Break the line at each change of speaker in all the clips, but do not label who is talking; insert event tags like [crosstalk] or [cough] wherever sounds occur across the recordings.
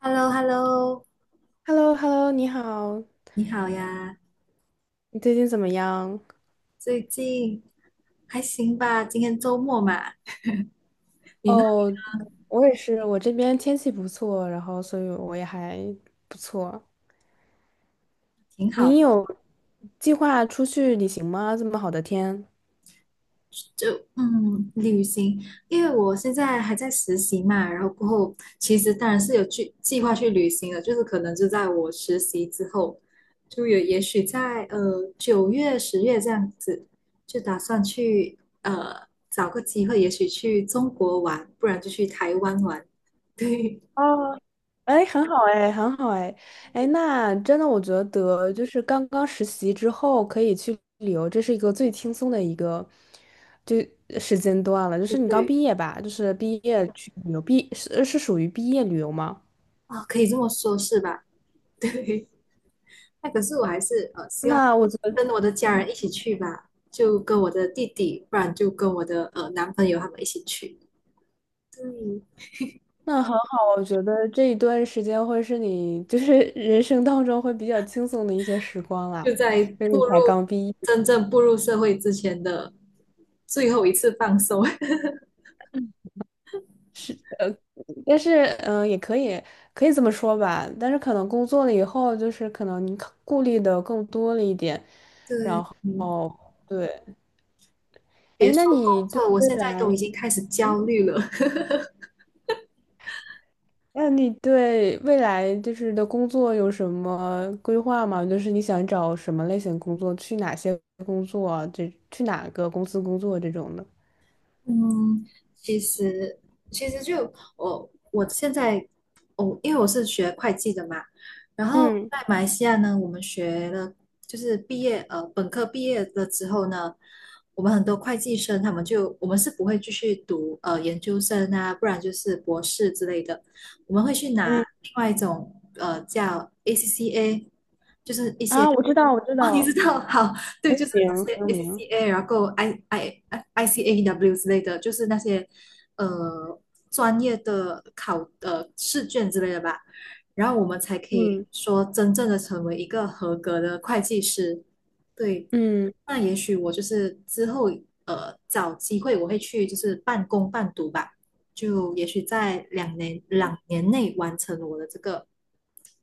h e l l o h e l l o
h e l l o h e l l o 你好，
你好呀，
你最近怎么样？
最近还行吧？今天周末嘛，你呢？
哦，我也是，我这边天气不错，然后所以我也还不错。
挺好，
你有计划出去旅行吗？这么好的天。
就旅行，因为我现在还在实习嘛，然后过后其实当然是有去计划去旅行的，就是可能就在我实习之后，就有也许在9月、10月这样子，就打算去找个机会，也许去中国玩，不然就去台湾玩，[laughs] 对
哦，哎，很好哎，很好哎，哎，那真的，我觉得就是刚刚实习之后可以去旅游，这是一个最轻松的一个就时间段了。就
对
是你刚
对，
毕业吧，就是毕业去旅游，是属于毕业旅游吗？
啊，可以这么说，是吧？[laughs] 对，那可是我还是希望
那我觉得。
跟我的家
嗯。
人一起去吧，就跟我的弟弟，不然就跟我的男朋友他们一起去。对，
那很好，我觉得这一段时间会是你就是 [laughs] 人生当中会比较轻松的一些时光啦，
就在
就是你
步入
才刚毕业，
真正步入社会之前的最后一次放松。[laughs]
但是也可以这么说吧，但是可能工作了以后，就是可能你考顾虑的更多了一点。
对，嗯，
哦，对，
别
哎，
说工作，我现在都已经开始焦虑了。
那你对未来就是的工作有什么规划吗？就是你想找什么类型工作，去哪些工作啊，这去哪个公司工作这种的？
嗯，其实其实就我现在我因为我是学会计的嘛，然后
嗯
在马来西亚呢，我们学了就是毕业本科毕业了之后呢，我们很多会计生他们就我们是不会继续读研究生啊，不然就是博士之类的，我们会去拿
嗯。
另外一种叫 ACCA，就是一些
啊，我知道，我知
[laughs] 哦你知
道，
道好，对，就是这些
说明，
ACCA，然后 ICAW 之类的，就是那些呃专业的考试卷之类的吧，然后我们才可以
嗯，
说真正的成为一个合格的会计师。对，
嗯，
那也许我就是之后找机会我会去就是半工半读吧。就也许在两年内完成我的这个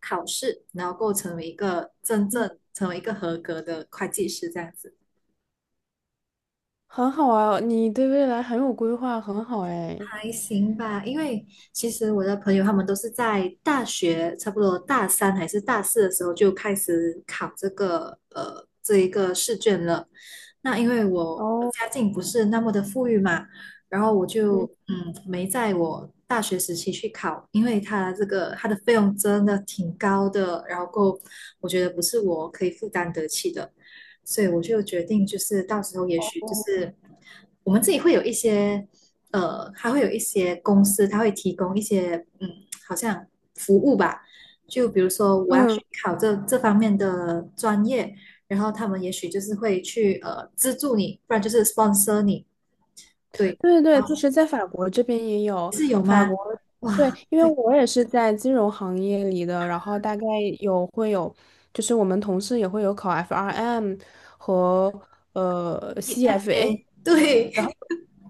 考试，然后够成为一个真正成为一个合格的会计师这样子。
很好啊，你对未来很有规划，很好哎。
还行吧，因为其实我的朋友他们都是在大学，差不多大三还是大四的时候就开始考这个这一个试卷了。那因为我
哦，
家境不是那么的富裕嘛，然后我就
嗯
没在我大学时期去考，因为它这个它的费用真的挺高的，然后够我觉得不是我可以负担得起的。所以我就决定，就是到时候也许就是我们自己会有一些，还会有一些公司，它会提供一些，好像服务吧。就比如说我要去
嗯，
考这方面的专业，然后他们也许就是会去资助你，不然就是 sponsor 你。对，
对对对，
然
就
后
是在法国这边也有
是有
法
吗？
国，对，
哇，
因为
对
我也是在金融行业里的，然后大概会有，就是我们同事也会有考 FRM 和CFA，
，EFA，
然后
对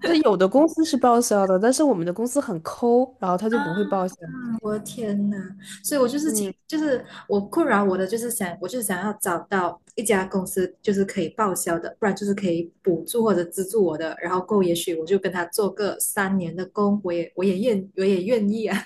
是有的公司是报销的，但是我们的公司很抠，然后他
啊，
就不会报销。
[laughs] 我的天呐，所以我就是请，
嗯。
就是我困扰我的，就是想，我就是想要找到一家公司，就是可以报销的，不然就是可以补助或者资助我的，然后够，也许我就跟他做个三年的工，我也愿意啊，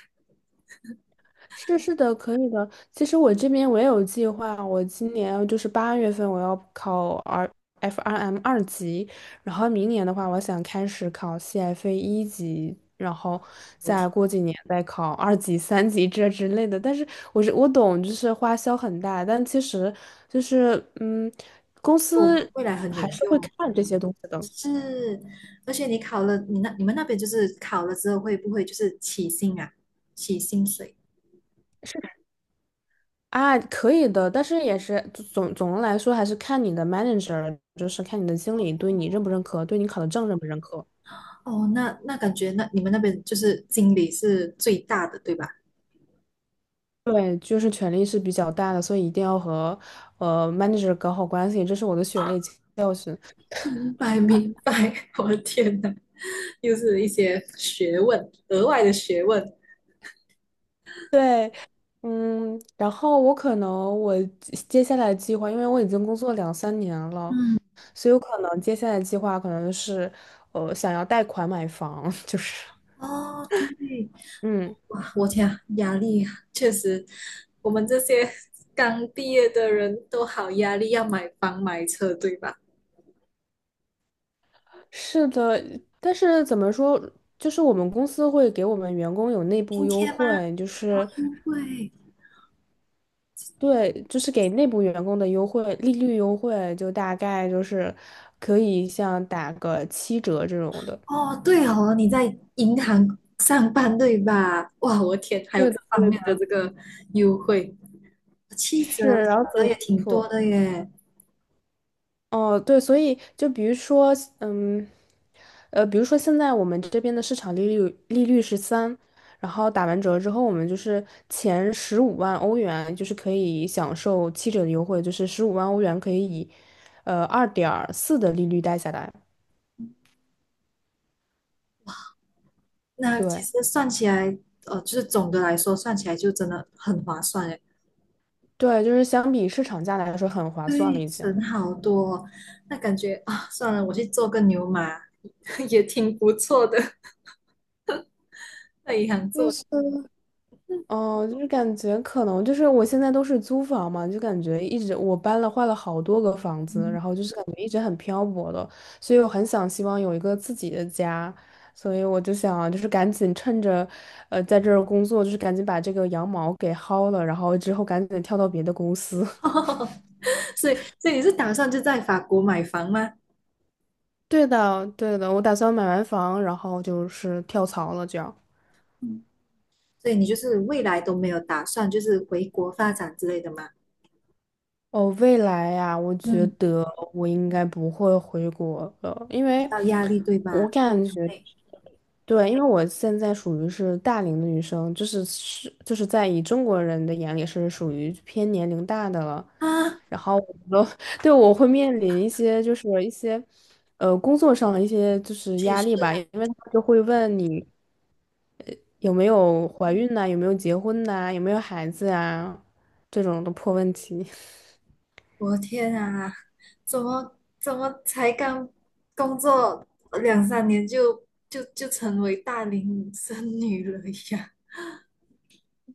是的，可以的。其实我这边我也有计划，我今年就是8月份我要考 FRM 二级，然后明年的话，我想开始考 CFA 1级，然后
[laughs] 我天
再过几年再考2级、3级这之类的。但是我懂，就是花销很大，但其实就是公
我
司
未来很有
还是会
用，
看这些东西的。
是，而且你考了，你那你们那边就是考了之后会不会就是起薪啊，起薪水？
是。啊，可以的，但是也是总的来说，还是看你的 manager，就是看你的经理对你认不认可，对你考的证认不认可。
哦，那那感觉那你们那边就是经理是最大的，对吧？
对，就是权力是比较大的，所以一定要和manager 搞好关系，这是我的血泪教训。
明白明白，我的天哪，[laughs] 又是一些学问，额外的学问。
对，嗯，然后我可能我接下来计划，因为我已经工作两三年了，
嗯，
所以有可能接下来计划可能是想要贷款买房，[laughs] 就是
哦，对，
嗯。
哇，我天啊，压力啊确实，我们这些刚毕业的人都好压力，要买房买车，对吧？
是的，但是怎么说，就是我们公司会给我们员工有内部
今
优
天吗？
惠，就
哦，
是
因为
对，就是给内部员工的优惠，利率优惠就大概就是可以像打个七折这种的。
哦，对哦，你在银行上班对吧？哇，我天，还有
对
这
的，
方
对
面的
的，
这个优惠，七折，
是，然
七
后所
折
以
也
还不
挺多
错。
的耶。
哦，对，所以就比如说，嗯，比如说现在我们这边的市场利率是三，然后打完折之后，我们就是前十五万欧元就是可以享受七折的优惠，就是十五万欧元可以以，2.4的利率贷下来。
那其
对
实算起来，就是总的来说算起来就真的很划算诶，
对，就是相比市场价来说很划算了
对，
已经。
省好多哦，那感觉啊，算了，我去做个牛马 [laughs] 也挺不错的，在银行做。
哦，就是感觉可能就是我现在都是租房嘛，就感觉一直我搬了换了好多个房子，然后就是感觉一直很漂泊的，所以我很想希望有一个自己的家，所以我就想就是赶紧趁着，在这儿工作，就是赶紧把这个羊毛给薅了，然后之后赶紧跳到别的公司。
[laughs] 所以，所以你是打算就在法国买房吗？
[laughs] 对的，对的，我打算买完房，然后就是跳槽了，这样。
嗯，所以你就是未来都没有打算就是回国发展之类的吗？
哦，未来呀，我觉
嗯，
得我应该不会回国了，因
比
为
较压力对
我
吧？
感觉，
对
对，因为我现在属于是大龄的女生，就是在以中国人的眼里是属于偏年龄大的了，
啊，
然后我觉得 [laughs] 对我会面临一些就是一些工作上的一些就是
确
压
实。
力吧，因为他们就会问你有没有怀孕呐、有没有结婚呐、有没有孩子啊这种的破问题。
我的天啊，怎么才刚工作两三年就成为大龄剩女了呀？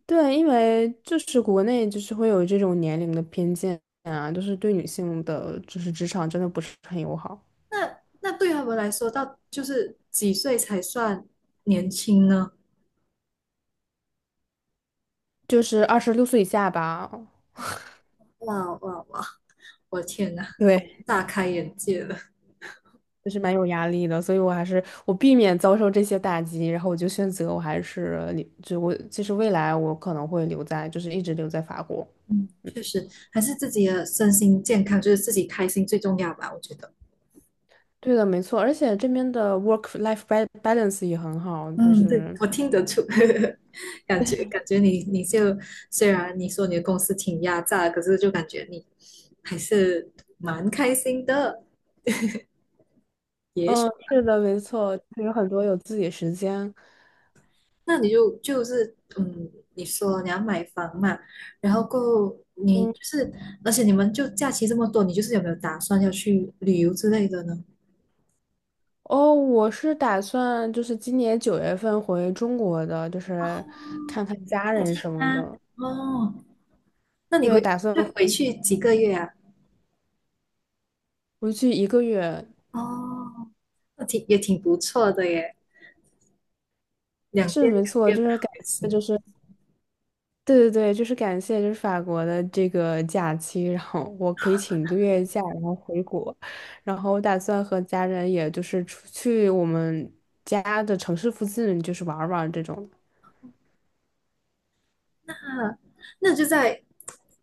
对，因为就是国内就是会有这种年龄的偏见啊，就是对女性的就是职场真的不是很友好，
那那对他们来说，到就是几岁才算年轻呢？
就是26岁以下吧，
哇哇哇！我的天呐，
对，
大开眼界了。
[laughs] 就是蛮有压力的，所以我还是我避免遭受这些打击，然后我就选择我还是留，就我其实未来我可能会留在就是一直留在法国。
嗯，
嗯，
确实，还是自己的身心健康，就是自己开心最重要吧，我觉得。
对的，没错，而且这边的 work life balance 也很好，就
嗯，对，
是
我听得出，[laughs] 感觉你就虽然你说你的公司挺压榨，可是就感觉你还是蛮开心的。也许
嗯，是的，没错，就是有很多有自己的时间。
那你就是你说你要买房嘛，然后够你
嗯。
就是，而且你们就假期这么多，你就是有没有打算要去旅游之类的呢？
哦，我是打算就是今年9月份回中国的，就是看看家
探亲
人什么
吗？
的。
哦，那你
对，打算
就回去几个月啊？
回去一个月，
哦，那挺也挺不错的耶，两
是
边
没
两
错，
边
就
跑
是感
也
谢，
行。
就是对对对，就是感谢就是法国的这个假期，然后我可以请一个月假，然后回国，然后我打算和家人也就是出去我们家的城市附近就是玩儿玩儿这种。
啊，那就在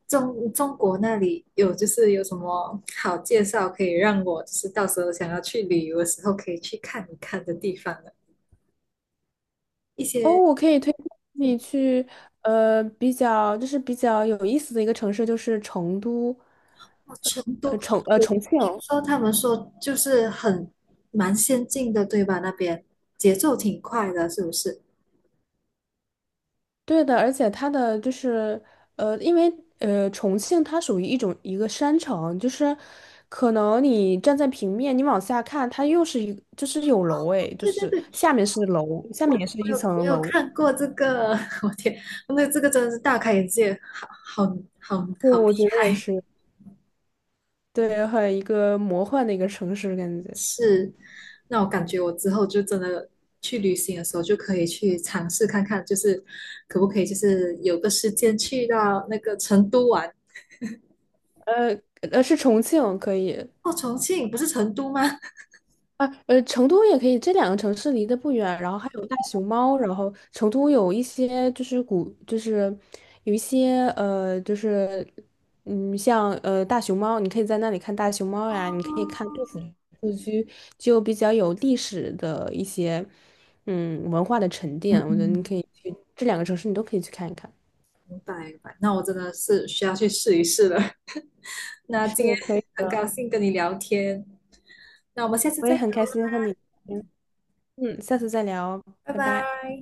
中国那里有，就是有什么好介绍可以让我就是到时候想要去旅游的时候可以去看一看的地方呢？一
哦，
些
我可以推荐你去，比较就是比较有意思的一个城市，就是成都，
哦，成都，我
重庆。
听说他们说就是很蛮先进的，对吧？那边节奏挺快的，是不是？
对的，而且它的就是，因为重庆它属于一个山城，就是可能你站在平面，你往下看，它又是就是有楼诶，就
对对
是
对，
下面是楼，下
我
面也是
我
一
有我
层
有
楼。
看过这个，[laughs] 我天，那这个真的是大开眼界，好好好
对，
好，
我觉得也是，对，很一个魔幻的一个城市感觉。
是，那我感觉我之后就真的去旅行的时候，就可以去尝试看看，就是可不可以，就是有个时间去到那个成都玩。
呃是重庆，可以。
哦，重庆不是成都吗？
啊，成都也可以，这两个城市离得不远，然后还有大熊猫，然后成都有一些就是古，就是有一些就是像大熊猫，你可以在那里看大熊猫呀，你可以
哦，
看杜甫故居，就比较有历史的一些文化的沉
嗯，
淀，我觉得你
嗯，
可以去这两个城市，你都可以去看一看。
明白明白。那我真的是需要去试一试了。[laughs] 那今天
是可以
很
的，
高兴跟你聊天，那我们下次
我也
再聊
很开
了，
心和你聊天下次再聊，
拜
拜拜。
拜。